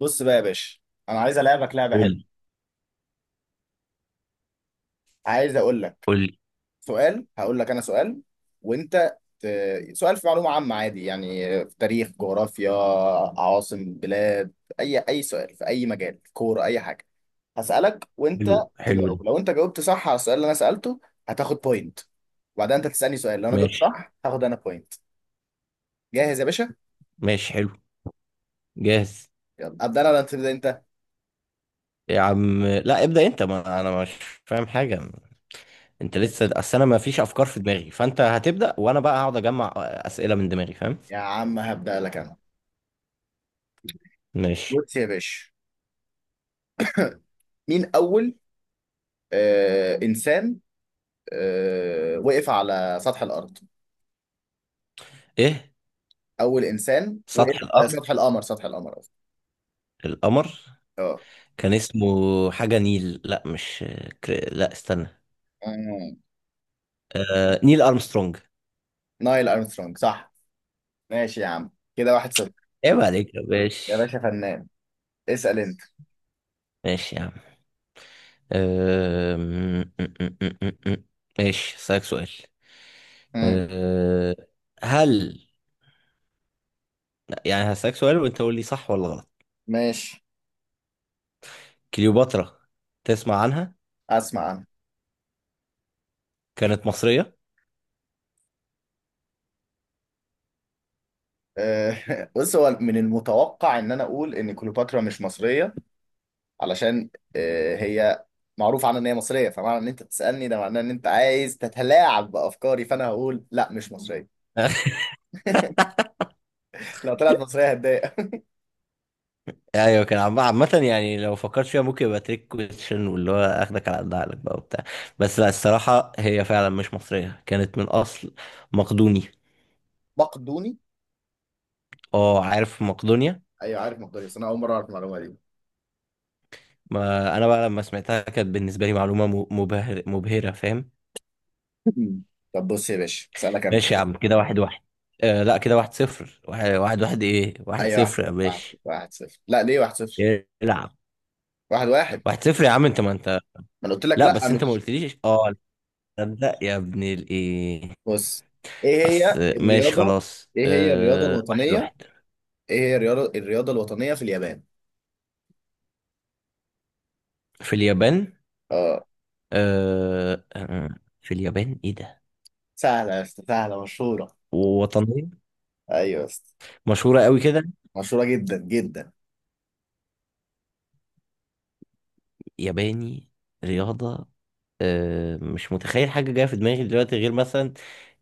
بص بقى يا باشا، انا عايز العبك لعبه قول حلوه. عايز اقول لك قول. سؤال. هقول لك انا سؤال وانت سؤال في معلومه عامه عادي يعني، في تاريخ، جغرافيا، عواصم بلاد، اي سؤال في اي مجال، كوره، اي حاجه. هسالك وانت حلو حلو ده. تجاوب. لو انت جاوبت صح على السؤال اللي انا سالته هتاخد بوينت، وبعدين انت تسالني سؤال، لو انا جاوبت ماشي. صح هاخد انا بوينت. جاهز يا باشا؟ ماشي حلو. جاهز. يلا ابدا انا ولا تبدا انت؟ يا عم لا ابدأ انت، ما انا مش فاهم حاجة. انت لسه، اصل انا ما فيش افكار في دماغي، فانت هتبدأ وانا بقى هقعد اجمع اسئلة من دماغي، فاهم؟ يا عم هبدا لك انا. ماشي. بص يا باشا، مين اول انسان، وقف على سطح الارض، ايه؟ اول انسان وقف سطح على الارض، سطح القمر؟ سطح القمر قصدي. القمر. اه. كان اسمه حاجة نيل، لا مش لا استنى. آه، نيل ارمسترونج. نايل ارمسترونج، صح؟ ماشي يا عم، كده واحد صفر. عيب عليك يا يا باشا. باشا فنان، اسال انت. ماشي يا عم. أم، م- م- م- م- م. ماشي، هسألك سؤال. مم. أه، هل، يعني هسألك سؤال وانت قول لي صح ولا غلط. ماشي. كليوباترا، تسمع عنها؟ اسمع انا. كانت مصرية. بص، هو من المتوقع ان انا اقول ان كليوباترا مش مصريه، علشان هي معروف عنها ان هي مصريه، فمعنى ان انت بتسالني ده معناه ان انت عايز تتلاعب بافكاري، فانا هقول لا مش مصريه. لو طلعت مصريه هتضايق. ايوه كان عامة، يعني لو فكرت فيها ممكن يبقى تريك كويشن، واللي هو اخدك على قد عقلك بقى وبتاع. بس لا، الصراحة هي فعلا مش مصرية، كانت من اصل مقدوني. مقدوني؟ اه، عارف مقدونيا. ايوه عارف مقدوني، بس انا اول مره اعرف المعلومه دي. ما انا بقى لما سمعتها كانت بالنسبة لي معلومة مبهرة، فاهم؟ مم. طب بص يا باشا اسالك انا. ماشي يا عم، كده واحد واحد. آه لا، كده واحد صفر، واحد واحد, واحد، ايه؟ واحد اي واحد صفر صفر، يا واحد باشا. صفر واحد صفر، لا ليه واحد صفر؟ العب. واحد واحد. واحد صفر يا عم، انت ما انت. ما انا قلت لك لا لا بس انت ما مش. قلتليش، اه. لا يا ابن الايه. بص، ايه هي اصل، ماشي الرياضه، خلاص، ايه هي الرياضه واحد الوطنيه، واحد. ايه هي الرياضه الوطنيه في اليابان؟ في اليابان. اه. آه آه، في اليابان، ايه ده؟ سهله يا اسطى، سهله، مشهوره. وطنية. ايوه يا اسطى، مشهورة قوي كده. مشهوره جدا جدا. ياباني. رياضة. آه، مش متخيل حاجة جاية في دماغي دلوقتي غير مثلا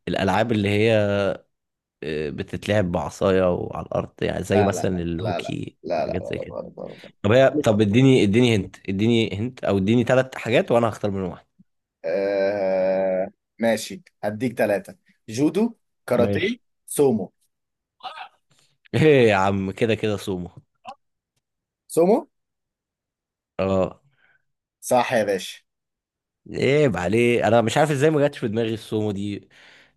الألعاب اللي هي، بتتلعب بعصاية وعلى الأرض، يعني زي لا لا مثلا لا لا لا، الهوكي. لا لا، حاجات زي غلط كده. غلط غلط. طب هي، طب اديني اديني هنت، اديني هنت، أو اديني ثلاث حاجات وأنا هختار منهم واحدة. آه ماشي، هديك ثلاثه: جودو، كاراتيه، ماشي. سومو. ايه يا عم؟ كده كده سومو. سومو؟ اه. صح يا باشا. عيب عليه، انا مش عارف ازاي ما جاتش في دماغي السومو دي،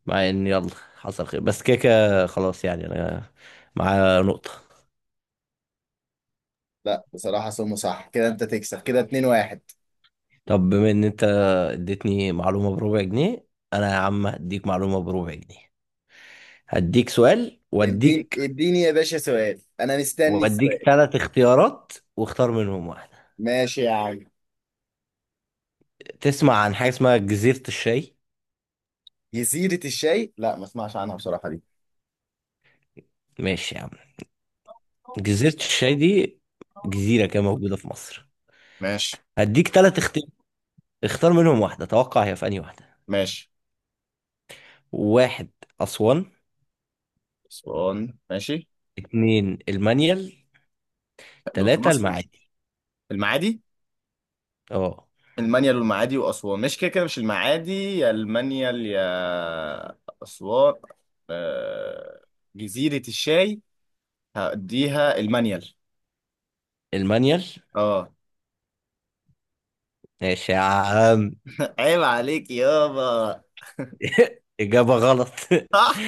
مع ان يلا حصل خير، بس كده كده خلاص، يعني انا معايا نقطة. لا بصراحة سمو صح، كده انت تكسب، كده 2 1. طب بما ان انت اديتني معلومة بربع جنيه، انا يا عم هديك معلومة بربع جنيه. هديك سؤال اديني واديك، اديني يا باشا سؤال، انا مستني واديك السؤال. ثلاث اختيارات واختار منهم واحدة. ماشي يا عم. تسمع عن حاجة اسمها جزيرة الشاي؟ جزيرة الشاي؟ لا ما اسمعش عنها بصراحة دي. ماشي يا عم. جزيرة الشاي دي، جزيرة كده موجودة في مصر. ماشي. هديك ثلاث اختيار، اختار منهم واحدة، توقع هي في أنهي واحدة. ماشي، واحد، أسوان. اسوان ماشي. اتنين، المانيال. دول في تلاتة، مصر؟ المعادي. المعادي؟ اه، المانيال والمعادي واسوان، مش كده كده مش المعادي، يا المانيال يا اسوان. آه، جزيرة الشاي، هديها المانيال. المانيال. اه. ماشي يا عم. عيب عليك يابا. إجابة غلط. صح؟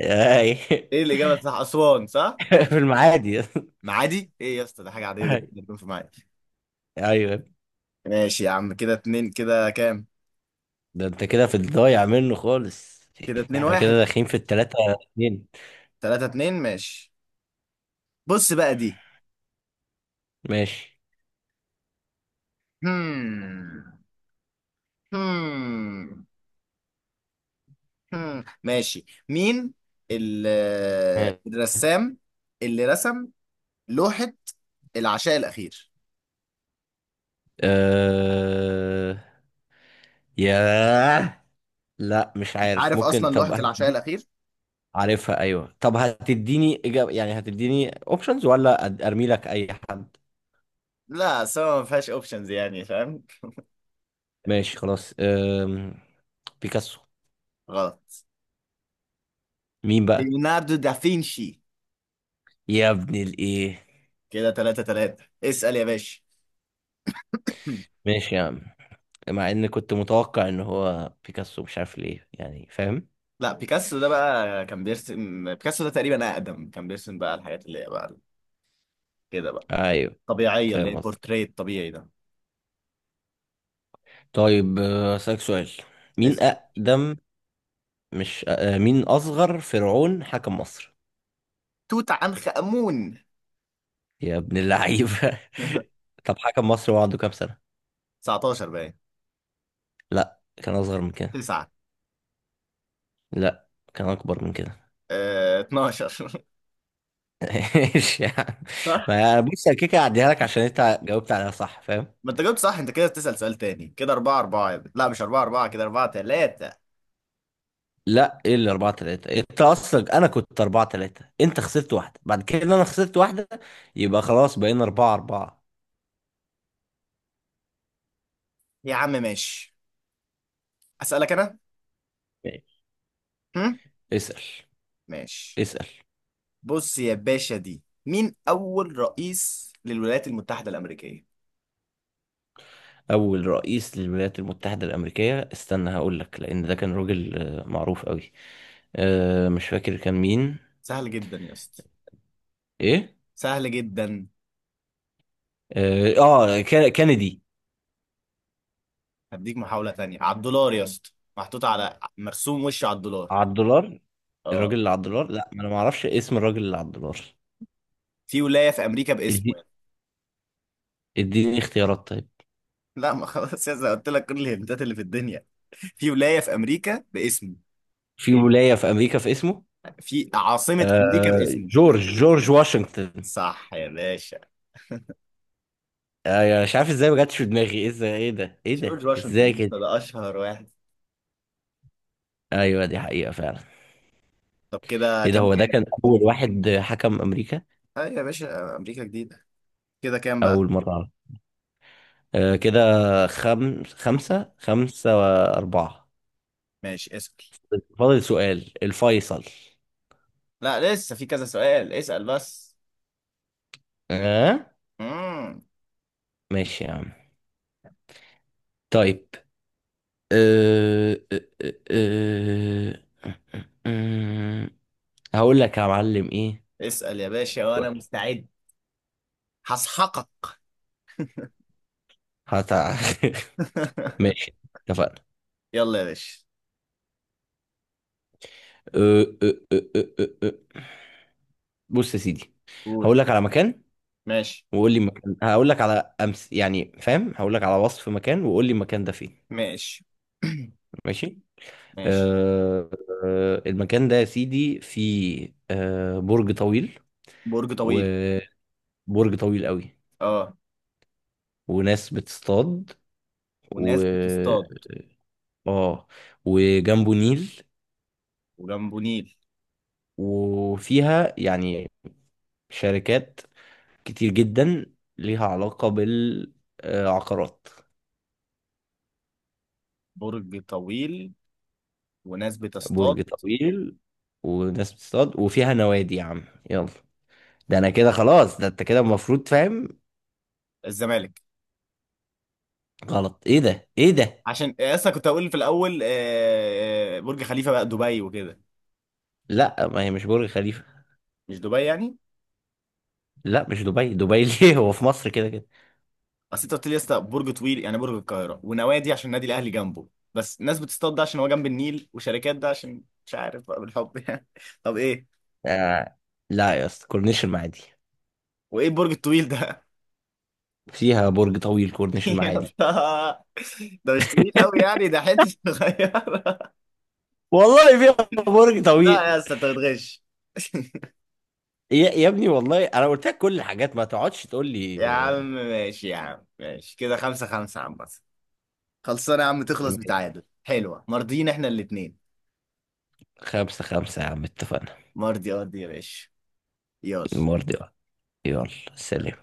أي. ايه الاجابة صح اسوان؟ صح. في المعادي. معادي ايه يا اسطى؟ ده حاجه عاديه جدا إن يكون في معادي. أيوة. ماشي يا عم، كده اتنين كده، كام؟ ده انت كده في الضايع منه خالص. كده اتنين احنا كده واحد. داخلين في التلاتة. اتنين. تلاتة اتنين ماشي. بص بقى دي. ماشي. هم هم هم ماشي، مين ال- الرسام اللي رسم لوحة العشاء الأخير؟ أه... ياه، لا مش انت عارف، عارف ممكن أصلا طب لوحة العشاء الأخير؟ عارفها، ايوه. طب هتديني اجابة؟ يعني هتديني اوبشنز ولا ارمي لك اي حد؟ لا سوا، ما فيهاش اوبشنز يعني، فاهم؟ ماشي خلاص. بيكاسو. غلط. مين بقى؟ ليوناردو دافينشي. يا ابن الايه. كده تلاتة تلاتة، اسأل يا باشا. ماشي يا عم، مع ان كنت متوقع ان هو بيكاسو، مش عارف ليه، يعني فاهم. لا بيكاسو ده بقى كان بيرسم، بيكاسو ده تقريبا اقدم، كان بيرسم بقى الحاجات اللي هي بقى كده بقى ايوه. طبيعيه، اللي فاهم هي قصدي. بورتريت طبيعي ده. طيب، أسألك سؤال. مين اسال. أقدم، مش مين أصغر فرعون حكم مصر. توت عنخ امون. يا ابن اللعيبة. طب حكم مصر هو عنده كام سنة؟ 19 باين. لا، كان أصغر من كده. 9. لا، كان أكبر من كده. اه 12. ايش يعني؟ صح. ما بص، أنا كده كده هعديها لك عشان أنت جاوبت عليها صح، فاهم؟ ما انت جاوبت صح، انت كده بتسال سؤال تاني، كده 4 4، لا مش 4 4، كده 4 3. لا، ايه اللي 4-3؟ انت اصلا انا كنت 4-3، انت خسرت واحده، بعد كده انا خسرت واحده، يبقى خلاص بقينا 4-4. يا عم ماشي، اسالك انا. هم؟ اسال ماشي. اسال. بص يا باشا دي، مين اول رئيس للولايات المتحده الامريكيه؟ اول رئيس للولايات المتحده الامريكيه، استنى هقول لك، لان ده كان راجل معروف قوي. مش فاكر كان مين. سهل جدا يا اسطى، ايه؟ سهل جدا. اه. كينيدي. هديك محاولة تانية، على الدولار يا اسطى، محطوط على مرسوم وش على الدولار. على الدولار. الراجل اه. اللي على الدولار؟ لا، ما انا ما اعرفش اسم الراجل اللي على الدولار. في ولاية في أمريكا باسمه إدي- يعني. اديني اختيارات طيب. لا ما خلاص يا اسطى، قلت لك كل الهنتات اللي في الدنيا. في ولاية في أمريكا باسمه، في ولايه في امريكا في اسمه. في عاصمة أمريكا باسمه. جورج واشنطن. صح يا باشا. مش عارف ازاي ما جاتش في دماغي، ازاي؟ ايه ده؟ ايه ده؟ جورج واشنطن ازاي يا كده؟ اسطى ده أشهر واحد. ايوه، دي حقيقه فعلا. طب كده ايه ده؟ كام هو ده كام؟ كان اول واحد حكم امريكا؟ أيوة يا باشا، أمريكا جديدة. كده كام بقى؟ اول مره. كده، خمسة خمسة وأربعة. ماشي اسأل. فاضل سؤال الفيصل. لا لسه في كذا سؤال، اسأل بس. آه. مم. ماشي يا عم. طيب. أه... أه... أه... أه... هقول لك يا معلم إيه. اسأل يا باشا وأنا مستعد، هسحقك. هت... ماشي، اتفقنا. يلا يا باشا. أه... أه... أه... أه... أه... بص يا سيدي. قول. هقول لك على مكان، ماشي. وقول لي مكان، هقول لك على أمس يعني، فاهم. هقول لك على وصف مكان وقول لي المكان ده فين. ماشي. ماشي. ماشي. آه، المكان ده يا سيدي فيه برج طويل، برج طويل. وبرج طويل قوي، اه. وناس بتصطاد، و وناس بتصطاد. اه وجنبه نيل، وجنبه نيل. وفيها يعني شركات كتير جدا ليها علاقة بالعقارات. برج طويل، وناس برج بتصطاد. طويل، وناس بتصطاد، وفيها نوادي يا عم. يلا، ده انا كده خلاص، ده انت كده المفروض فاهم. الزمالك. غلط. ايه ده؟ ايه ده؟ عشان اصلا كنت هقول في الاول برج خليفه بقى، دبي وكده. لا ما هي مش برج خليفة. مش دبي يعني. لا مش دبي. دبي؟ ليه، هو في مصر كده كده. اصل انت قلت لي يا اسطى برج طويل يعني برج القاهره، ونوادي عشان النادي الاهلي جنبه، بس ناس بتصطاد ده عشان هو جنب النيل، وشركات ده عشان مش عارف بقى، بالحب يعني. طب ايه؟ آه. لا يا اسطى، كورنيش المعادي. وايه البرج الطويل ده؟ فيها برج طويل، كورنيش يا المعادي. اسطى ده مش طويل قوي يعني، ده حته صغيره. والله فيها برج لا طويل. يا اسطى انت بتغش. يا ابني، والله انا قلت لك كل الحاجات، ما تقعدش تقول لي. يا آه، عم ماشي، يا عم ماشي، كده خمسة خمسة يا عم بس، خلصانة يا عم، تخلص ماشي. بتعادل حلوة، مرضيين احنا الاتنين. خمسة خمسة يا عم، اتفقنا. مرضي ارضي يا باشا. يلا. المرة دي، يلا، سلام.